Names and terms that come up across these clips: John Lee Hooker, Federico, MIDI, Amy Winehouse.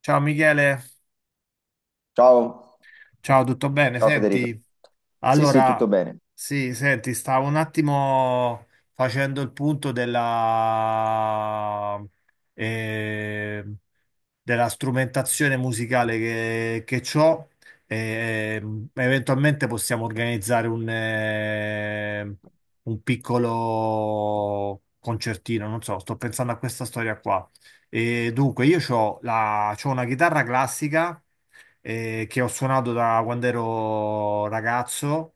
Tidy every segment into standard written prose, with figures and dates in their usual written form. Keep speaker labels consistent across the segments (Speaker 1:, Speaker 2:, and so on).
Speaker 1: Ciao Michele,
Speaker 2: Ciao,
Speaker 1: ciao, tutto bene?
Speaker 2: ciao Federico.
Speaker 1: Senti,
Speaker 2: Sì, sì, tutto
Speaker 1: allora,
Speaker 2: bene.
Speaker 1: sì, senti, stavo un attimo facendo il punto eh, della strumentazione musicale che c'ho. E, eventualmente possiamo organizzare un piccolo concertino, non so, sto pensando a questa storia qua. E dunque, io ho una chitarra classica che ho suonato da quando ero ragazzo.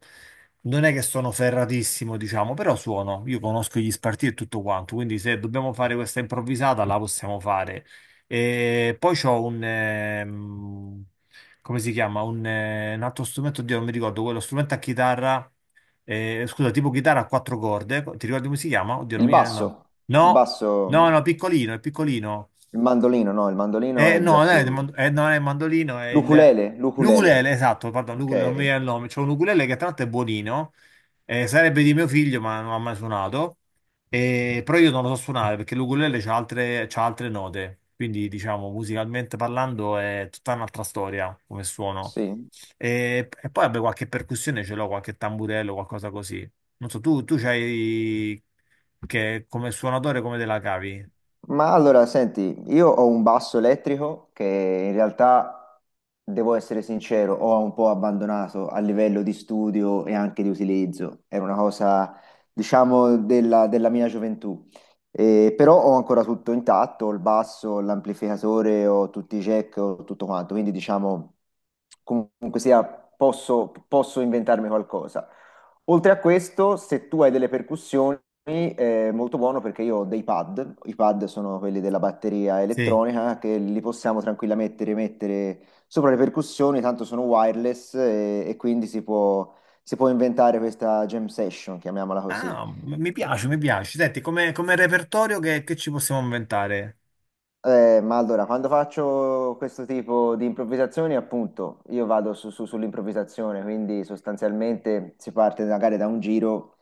Speaker 1: Non è che sono ferratissimo, diciamo, però suono. Io conosco gli spartiti e tutto quanto, quindi se dobbiamo fare questa improvvisata la possiamo fare. E poi c'ho come si chiama? Un altro strumento, oddio, non mi ricordo, quello strumento a chitarra, scusa, tipo chitarra a quattro corde. Ti ricordi come si chiama? Oddio, non
Speaker 2: Il
Speaker 1: mi viene il nome.
Speaker 2: basso, il
Speaker 1: No, no,
Speaker 2: basso,
Speaker 1: no, piccolino, è piccolino.
Speaker 2: il mandolino, no, il mandolino è
Speaker 1: No,
Speaker 2: già
Speaker 1: non è,
Speaker 2: più...
Speaker 1: non è il mandolino, è il...
Speaker 2: L'ukulele,
Speaker 1: L'ukulele,
Speaker 2: l'ukulele.
Speaker 1: esatto, pardon, l'ukulele, non mi
Speaker 2: Ok,
Speaker 1: viene il nome. C'è un ukulele che tra l'altro è buonino, sarebbe di mio figlio, ma non ha mai suonato. Però io non lo so suonare perché l'ukulele c'ha altre note, quindi diciamo musicalmente parlando è tutta un'altra storia come suono.
Speaker 2: sì.
Speaker 1: E poi vabbè, qualche percussione ce l'ho, qualche tamburello, qualcosa così. Non so, tu c'hai che come suonatore come te la cavi?
Speaker 2: Ma allora, senti, io ho un basso elettrico che in realtà, devo essere sincero, ho un po' abbandonato a livello di studio e anche di utilizzo. Era una cosa, diciamo, della mia gioventù. Però ho ancora tutto intatto, ho il basso, l'amplificatore, ho tutti i jack, ho tutto quanto. Quindi, diciamo, comunque sia, posso inventarmi qualcosa. Oltre a questo, se tu hai delle percussioni, è molto buono perché io ho dei pad. I pad sono quelli della batteria
Speaker 1: Sì.
Speaker 2: elettronica che li possiamo tranquillamente rimettere sopra le percussioni, tanto sono wireless e quindi si può inventare questa jam session, chiamiamola così.
Speaker 1: Ah, mi piace, mi piace. Senti, come repertorio che ci possiamo inventare?
Speaker 2: Ma allora, quando faccio questo tipo di improvvisazioni, appunto, io vado sull'improvvisazione, quindi sostanzialmente si parte magari da un giro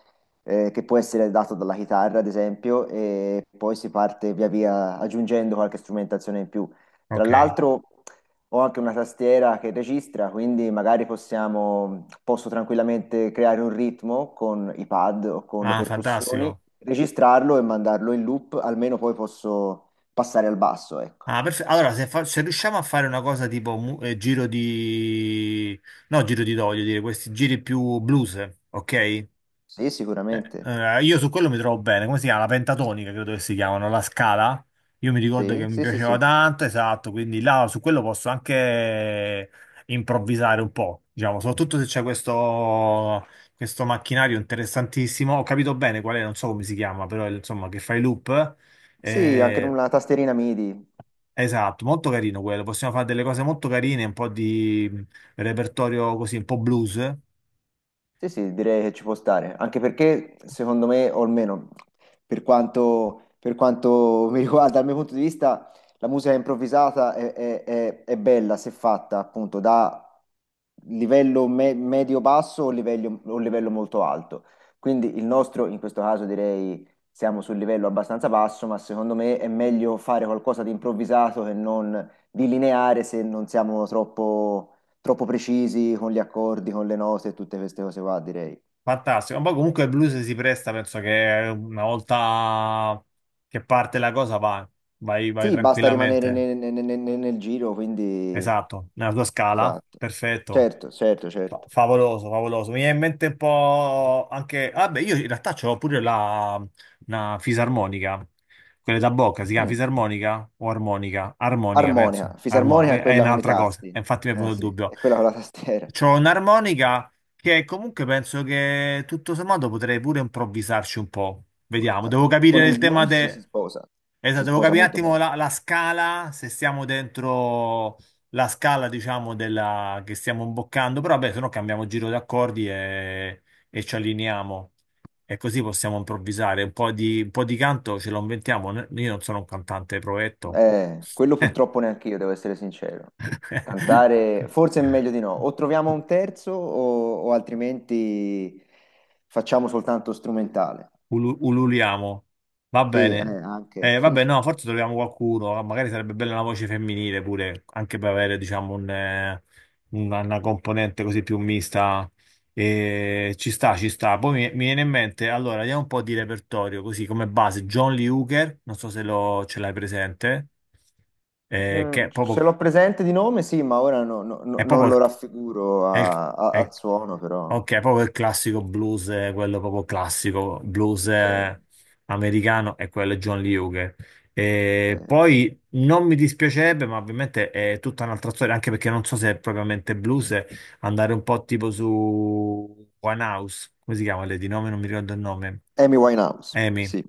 Speaker 2: eh, che può essere dato dalla chitarra, ad esempio, e poi si parte via via aggiungendo qualche strumentazione in più. Tra
Speaker 1: Ok.
Speaker 2: l'altro, ho anche una tastiera che registra, quindi magari possiamo, posso tranquillamente creare un ritmo con i pad o con le
Speaker 1: Ah,
Speaker 2: percussioni,
Speaker 1: fantastico.
Speaker 2: registrarlo e mandarlo in loop, almeno poi posso passare al basso, ecco.
Speaker 1: Ah, allora, se riusciamo a fare una cosa tipo giro di... No, giro di do, voglio dire, questi giri più blues, ok?
Speaker 2: Sì,
Speaker 1: Eh,
Speaker 2: sicuramente.
Speaker 1: allora, io su quello mi trovo bene. Come si chiama? La pentatonica, credo che si chiamano, la scala. Io mi ricordo
Speaker 2: Sì,
Speaker 1: che mi
Speaker 2: sì, sì,
Speaker 1: piaceva
Speaker 2: sì.
Speaker 1: tanto, esatto, quindi là su quello posso anche improvvisare un po', diciamo, soprattutto se c'è questo macchinario interessantissimo. Ho capito bene qual è, non so come si chiama, però insomma, che fai loop.
Speaker 2: Sì, anche con
Speaker 1: Eh,
Speaker 2: una tastierina MIDI.
Speaker 1: esatto, molto carino quello. Possiamo fare delle cose molto carine, un po' di repertorio così, un po' blues.
Speaker 2: Sì, sì, direi che ci può stare, anche perché secondo me, o almeno per quanto mi riguarda, dal mio punto di vista, la musica improvvisata è bella se fatta appunto da livello medio-basso o livello molto alto. Quindi il nostro, in questo caso direi, siamo sul livello abbastanza basso, ma secondo me è meglio fare qualcosa di improvvisato che non di lineare se non siamo troppo precisi con gli accordi, con le note e tutte queste cose qua, direi.
Speaker 1: Fantastico, ma poi comunque il blues si presta, penso che una volta che parte la cosa va, vai, vai
Speaker 2: Sì, basta rimanere
Speaker 1: tranquillamente.
Speaker 2: nel giro, quindi...
Speaker 1: Esatto, nella tua scala,
Speaker 2: Esatto.
Speaker 1: perfetto.
Speaker 2: Certo, certo,
Speaker 1: Fa-
Speaker 2: certo.
Speaker 1: favoloso, favoloso. Mi viene in mente un po' anche... Vabbè, io in realtà c'ho pure una fisarmonica, quelle da bocca, si chiama
Speaker 2: Mm.
Speaker 1: fisarmonica o armonica? Armonica,
Speaker 2: Armonica,
Speaker 1: penso. Armo-
Speaker 2: fisarmonica è
Speaker 1: è
Speaker 2: quella con i
Speaker 1: un'altra cosa, e
Speaker 2: tasti.
Speaker 1: infatti mi è
Speaker 2: Eh
Speaker 1: venuto il
Speaker 2: sì,
Speaker 1: dubbio.
Speaker 2: è quella con la tastiera.
Speaker 1: C'ho un'armonica che comunque penso che tutto sommato potrei pure improvvisarci un po'.
Speaker 2: Ma-
Speaker 1: Vediamo,
Speaker 2: ma
Speaker 1: devo
Speaker 2: Con
Speaker 1: capire
Speaker 2: il
Speaker 1: il tema
Speaker 2: blues
Speaker 1: de... Esatto,
Speaker 2: si
Speaker 1: devo
Speaker 2: sposa
Speaker 1: capire un
Speaker 2: molto
Speaker 1: attimo
Speaker 2: bene.
Speaker 1: la scala, se siamo dentro la scala, diciamo, della... che stiamo imboccando, però vabbè, se no cambiamo giro di accordi e ci allineiamo. E così possiamo improvvisare. Un po' di canto ce lo inventiamo. Io non sono un cantante provetto.
Speaker 2: Quello purtroppo neanche io, devo essere sincero. Cantare forse è meglio di no. O troviamo un terzo o altrimenti facciamo soltanto strumentale.
Speaker 1: Ululiamo. Va
Speaker 2: Sì,
Speaker 1: bene.
Speaker 2: anche.
Speaker 1: Vabbè, no, forse troviamo qualcuno. Ah, magari sarebbe bella una voce femminile pure, anche per avere, diciamo, una componente così più mista. Ci sta, ci sta. Poi mi viene in mente, allora, andiamo un po' di repertorio, così come base. John Lee Hooker, non so se lo, ce l'hai presente, che è
Speaker 2: Ce
Speaker 1: proprio,
Speaker 2: l'ho presente di nome, sì, ma ora
Speaker 1: è
Speaker 2: non
Speaker 1: proprio
Speaker 2: lo
Speaker 1: il,
Speaker 2: raffiguro
Speaker 1: è il- è il
Speaker 2: al suono, però.
Speaker 1: ok, proprio il classico blues, quello proprio classico, blues
Speaker 2: Ok,
Speaker 1: eh, americano e quello è John Lee Hooker.
Speaker 2: ok,
Speaker 1: E
Speaker 2: ok.
Speaker 1: poi non mi dispiacerebbe, ma ovviamente è tutta un'altra storia, anche perché non so se è propriamente blues, andare un po' tipo su One House, come si chiama lei di nome? Non mi ricordo il nome.
Speaker 2: Amy Winehouse,
Speaker 1: Amy.
Speaker 2: sì.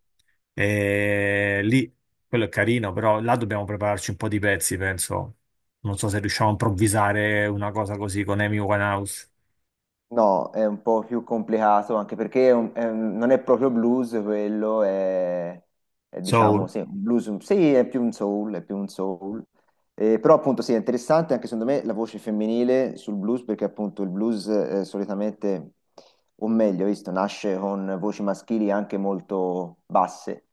Speaker 1: E lì, quello è carino, però là dobbiamo prepararci un po' di pezzi, penso. Non so se riusciamo a improvvisare una cosa così con Amy Winehouse.
Speaker 2: No, è un po' più complicato anche perché non è proprio blues quello, è, diciamo
Speaker 1: Soul.
Speaker 2: sì, un blues, sì, è più un soul, è più un soul. Però appunto sì, è interessante anche secondo me la voce femminile sul blues perché appunto il blues solitamente, o meglio, visto, nasce con voci maschili anche molto basse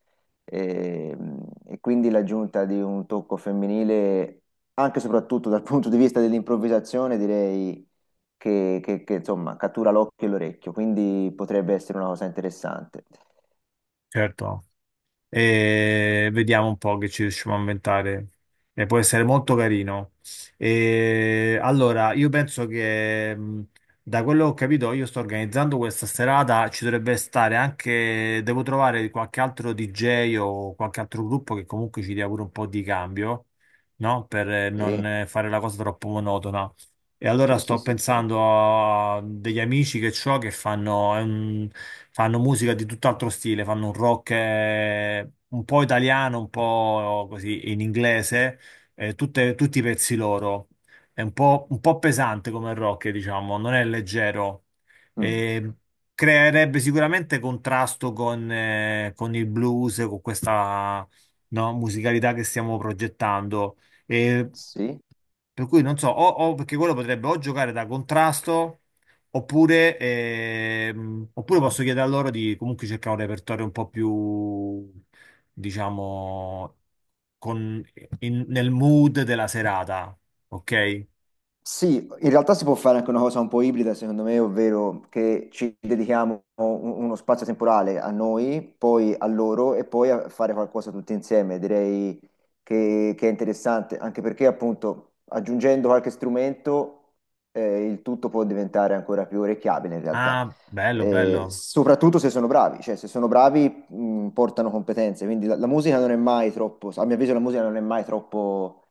Speaker 2: e, e quindi l'aggiunta di un tocco femminile anche e soprattutto dal punto di vista dell'improvvisazione direi che, insomma cattura l'occhio e l'orecchio, quindi potrebbe essere una cosa interessante.
Speaker 1: Certo, e vediamo un po' che ci riusciamo a inventare. E può essere molto carino. E allora, io penso che da quello che ho capito, io sto organizzando questa serata, ci dovrebbe stare anche, devo trovare qualche altro DJ o qualche altro gruppo che comunque ci dia pure un po' di cambio, no? Per eh,
Speaker 2: Sì,
Speaker 1: non eh, fare la cosa troppo monotona. E allora
Speaker 2: sì, sì,
Speaker 1: sto
Speaker 2: sì,
Speaker 1: pensando
Speaker 2: certo.
Speaker 1: a degli amici che ho che fanno, fanno musica di tutt'altro stile, fanno un rock un po' italiano, un po' così in inglese, tutti i pezzi loro. È un po' pesante come rock, diciamo, non è leggero.
Speaker 2: Mm,
Speaker 1: E creerebbe sicuramente contrasto con il blues, con questa no, musicalità che stiamo progettando.
Speaker 2: sì.
Speaker 1: Per cui non so, perché quello potrebbe o giocare da contrasto, oppure posso chiedere a loro di comunque cercare un repertorio un po' più, diciamo, con- nel mood della serata, ok?
Speaker 2: Sì, in realtà si può fare anche una cosa un po' ibrida, secondo me, ovvero che ci dedichiamo uno spazio temporale a noi, poi a loro e poi a fare qualcosa tutti insieme. Direi che è interessante, anche perché appunto aggiungendo qualche strumento, il tutto può diventare ancora più orecchiabile in realtà.
Speaker 1: Ah, bello, bello,
Speaker 2: Soprattutto se sono bravi, cioè se sono bravi, portano competenze, quindi la musica non è mai troppo, a mio avviso la musica non è mai troppo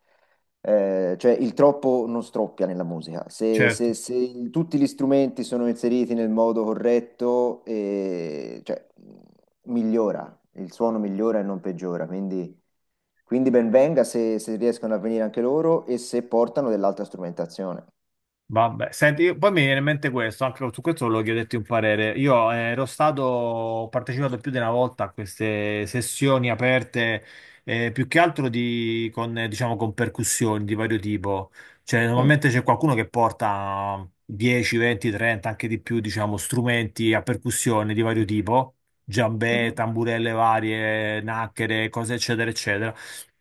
Speaker 2: eh, cioè il troppo non stroppia nella musica. Se,
Speaker 1: certo.
Speaker 2: se- se tutti gli strumenti sono inseriti nel modo corretto, cioè, migliora, il suono migliora e non peggiora. Quindi ben venga se, se riescono a venire anche loro e se portano dell'altra strumentazione.
Speaker 1: Vabbè, senti, poi mi viene in mente questo, anche su questo volevo chiederti un parere. Io ero stato, ho partecipato più di una volta a queste sessioni aperte, più che altro diciamo, con percussioni di vario tipo. Cioè,
Speaker 2: Mm,
Speaker 1: normalmente c'è qualcuno che porta 10, 20, 30, anche di più, diciamo, strumenti a percussione di vario tipo, giambè,
Speaker 2: mhm.
Speaker 1: tamburelle varie, nacchere, cose eccetera, eccetera.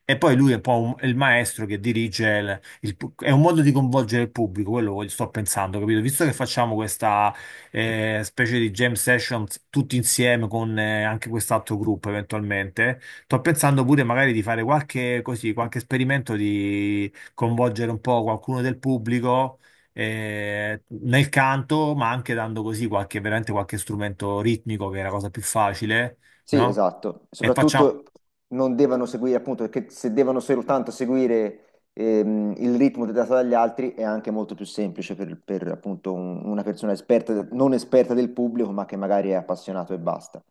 Speaker 1: E poi lui è un po' è il maestro che dirige è un modo di coinvolgere il pubblico, quello sto pensando, capito? Visto che
Speaker 2: Sì,
Speaker 1: facciamo questa specie di jam session tutti insieme con anche quest'altro gruppo eventualmente, sto pensando pure magari di fare qualche, così, qualche esperimento di coinvolgere un po' qualcuno del pubblico nel canto, ma anche dando così qualche, veramente qualche strumento ritmico, che è la cosa più facile,
Speaker 2: sì,
Speaker 1: no?
Speaker 2: esatto.
Speaker 1: E facciamo,
Speaker 2: Soprattutto non devono seguire, appunto, perché se devono soltanto seguire, il ritmo dato dagli altri è anche molto più semplice per, appunto, una persona esperta, non esperta del pubblico, ma che magari è appassionato e basta.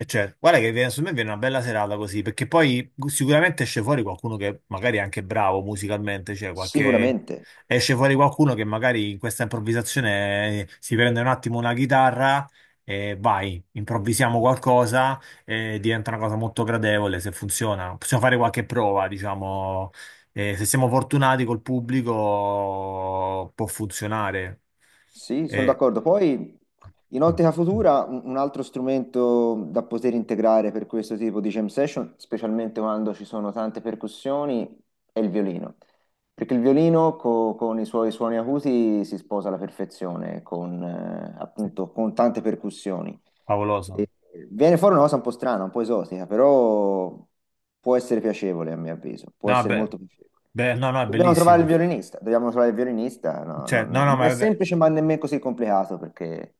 Speaker 1: e certo, guarda che viene, su me viene una bella serata così, perché poi sicuramente esce fuori qualcuno che magari è anche bravo musicalmente, cioè qualche...
Speaker 2: Sicuramente.
Speaker 1: esce fuori qualcuno che magari in questa improvvisazione si prende un attimo una chitarra e vai, improvvisiamo qualcosa e diventa una cosa molto gradevole se funziona. Possiamo fare qualche prova, diciamo, e se siamo fortunati col pubblico può funzionare.
Speaker 2: Sì, sono
Speaker 1: E...
Speaker 2: d'accordo. Poi in
Speaker 1: mm,
Speaker 2: ottica
Speaker 1: mm,
Speaker 2: futura un altro strumento da poter integrare per questo tipo di jam session, specialmente quando ci sono tante percussioni, è il violino. Perché il violino con i suoi suoni acuti si sposa alla perfezione, con,
Speaker 1: sì.
Speaker 2: appunto, con tante percussioni.
Speaker 1: Favoloso.
Speaker 2: E- Viene fuori una cosa un po' strana, un po' esotica, però può essere piacevole a mio avviso, può
Speaker 1: No,
Speaker 2: essere
Speaker 1: beh,
Speaker 2: molto piacevole.
Speaker 1: beh, no, no, è
Speaker 2: Dobbiamo trovare il
Speaker 1: bellissimo.
Speaker 2: violinista, dobbiamo trovare il violinista, no, no,
Speaker 1: Cioè, no,
Speaker 2: no,
Speaker 1: no,
Speaker 2: non
Speaker 1: ma
Speaker 2: è
Speaker 1: vabbè,
Speaker 2: semplice ma nemmeno così complicato perché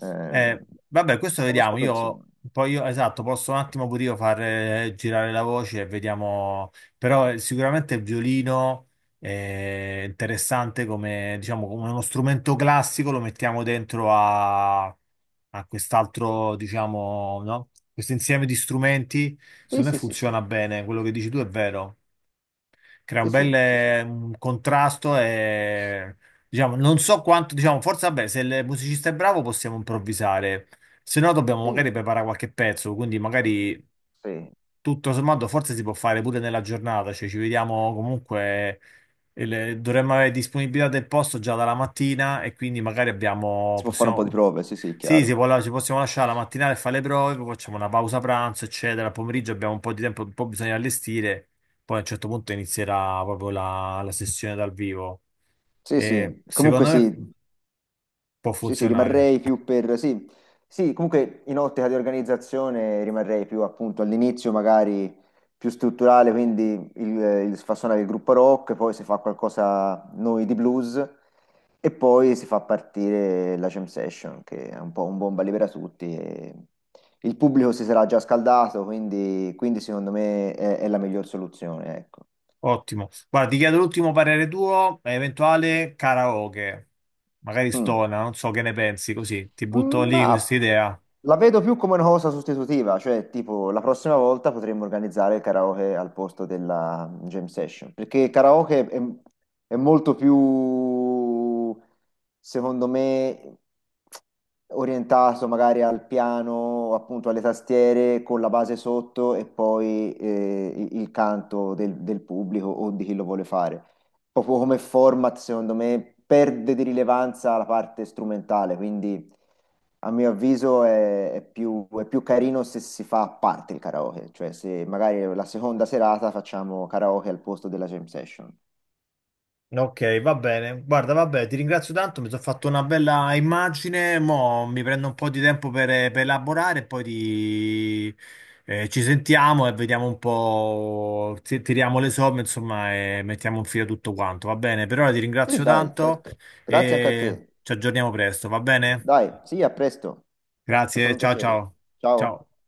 Speaker 2: ehm,
Speaker 1: eh, vabbè, questo vediamo.
Speaker 2: conosco
Speaker 1: Io
Speaker 2: persone.
Speaker 1: poi io, esatto, posso un attimo pure io far girare la voce e vediamo. Però sicuramente il violino è interessante come, diciamo, come uno strumento classico, lo mettiamo dentro a quest'altro, diciamo, no? Questo insieme di strumenti,
Speaker 2: Sì,
Speaker 1: secondo me
Speaker 2: sì, sì, sì,
Speaker 1: funziona bene. Quello che dici tu è vero. Crea un
Speaker 2: sì,
Speaker 1: bel
Speaker 2: sì, sì, sì.
Speaker 1: un contrasto e diciamo, non so quanto, diciamo, forse vabbè, se il musicista è bravo possiamo improvvisare, se no dobbiamo
Speaker 2: Sì.
Speaker 1: magari preparare qualche pezzo, quindi
Speaker 2: Mm,
Speaker 1: magari
Speaker 2: sì.
Speaker 1: tutto sommato forse si può fare pure nella giornata, cioè ci vediamo comunque, dovremmo avere disponibilità del posto già dalla mattina e quindi magari abbiamo,
Speaker 2: Si può fare un po' di
Speaker 1: possiamo,
Speaker 2: prove, sì, sì,
Speaker 1: sì, si
Speaker 2: chiaro.
Speaker 1: può ci possiamo lasciare la mattinata e fare le prove, poi facciamo una pausa pranzo, eccetera. Al pomeriggio abbiamo un po' di tempo, un po' bisogna allestire, poi a un certo punto inizierà proprio la sessione dal vivo.
Speaker 2: Sì,
Speaker 1: E
Speaker 2: sì, comunque
Speaker 1: secondo me
Speaker 2: sì,
Speaker 1: può
Speaker 2: sì, sì,
Speaker 1: funzionare.
Speaker 2: rimarrei più per... Sì, sì, comunque in ottica di organizzazione rimarrei più appunto all'inizio magari più strutturale, quindi il si fa suonare il gruppo rock, poi si fa qualcosa noi di blues e poi si fa partire la jam session che è un po' un bomba libera tutti. E il pubblico si sarà già scaldato, quindi, quindi secondo me è la miglior soluzione, ecco.
Speaker 1: Ottimo. Guarda, ti chiedo l'ultimo parere tuo, eventuale karaoke, magari
Speaker 2: Mm.
Speaker 1: stona, non so che ne pensi, così ti butto lì
Speaker 2: Ma
Speaker 1: questa idea.
Speaker 2: la vedo più come una cosa sostitutiva, cioè tipo la prossima volta potremmo organizzare il karaoke al posto della jam session, perché il karaoke è molto più, secondo me, orientato magari al piano, appunto alle tastiere, con la base sotto e poi il canto del pubblico o di chi lo vuole fare. Proprio come format, secondo me, perde di rilevanza la parte strumentale, quindi... A mio avviso è più carino se si fa a parte il karaoke, cioè se magari la seconda serata facciamo karaoke al posto della jam session.
Speaker 1: Ok, va bene. Guarda, vabbè, ti ringrazio tanto, mi sono fatto una bella immagine, mo mi prendo un po' di tempo per elaborare, e poi ci sentiamo e vediamo un po', tiriamo le somme, insomma, e mettiamo in fila tutto quanto, va bene? Per ora ti
Speaker 2: Sì,
Speaker 1: ringrazio
Speaker 2: dai,
Speaker 1: tanto
Speaker 2: certo. Grazie anche a
Speaker 1: e
Speaker 2: te.
Speaker 1: ci aggiorniamo presto, va bene?
Speaker 2: Dai, sì, a presto. È stato
Speaker 1: Grazie,
Speaker 2: un
Speaker 1: ciao
Speaker 2: piacere.
Speaker 1: ciao.
Speaker 2: Ciao.
Speaker 1: Ciao.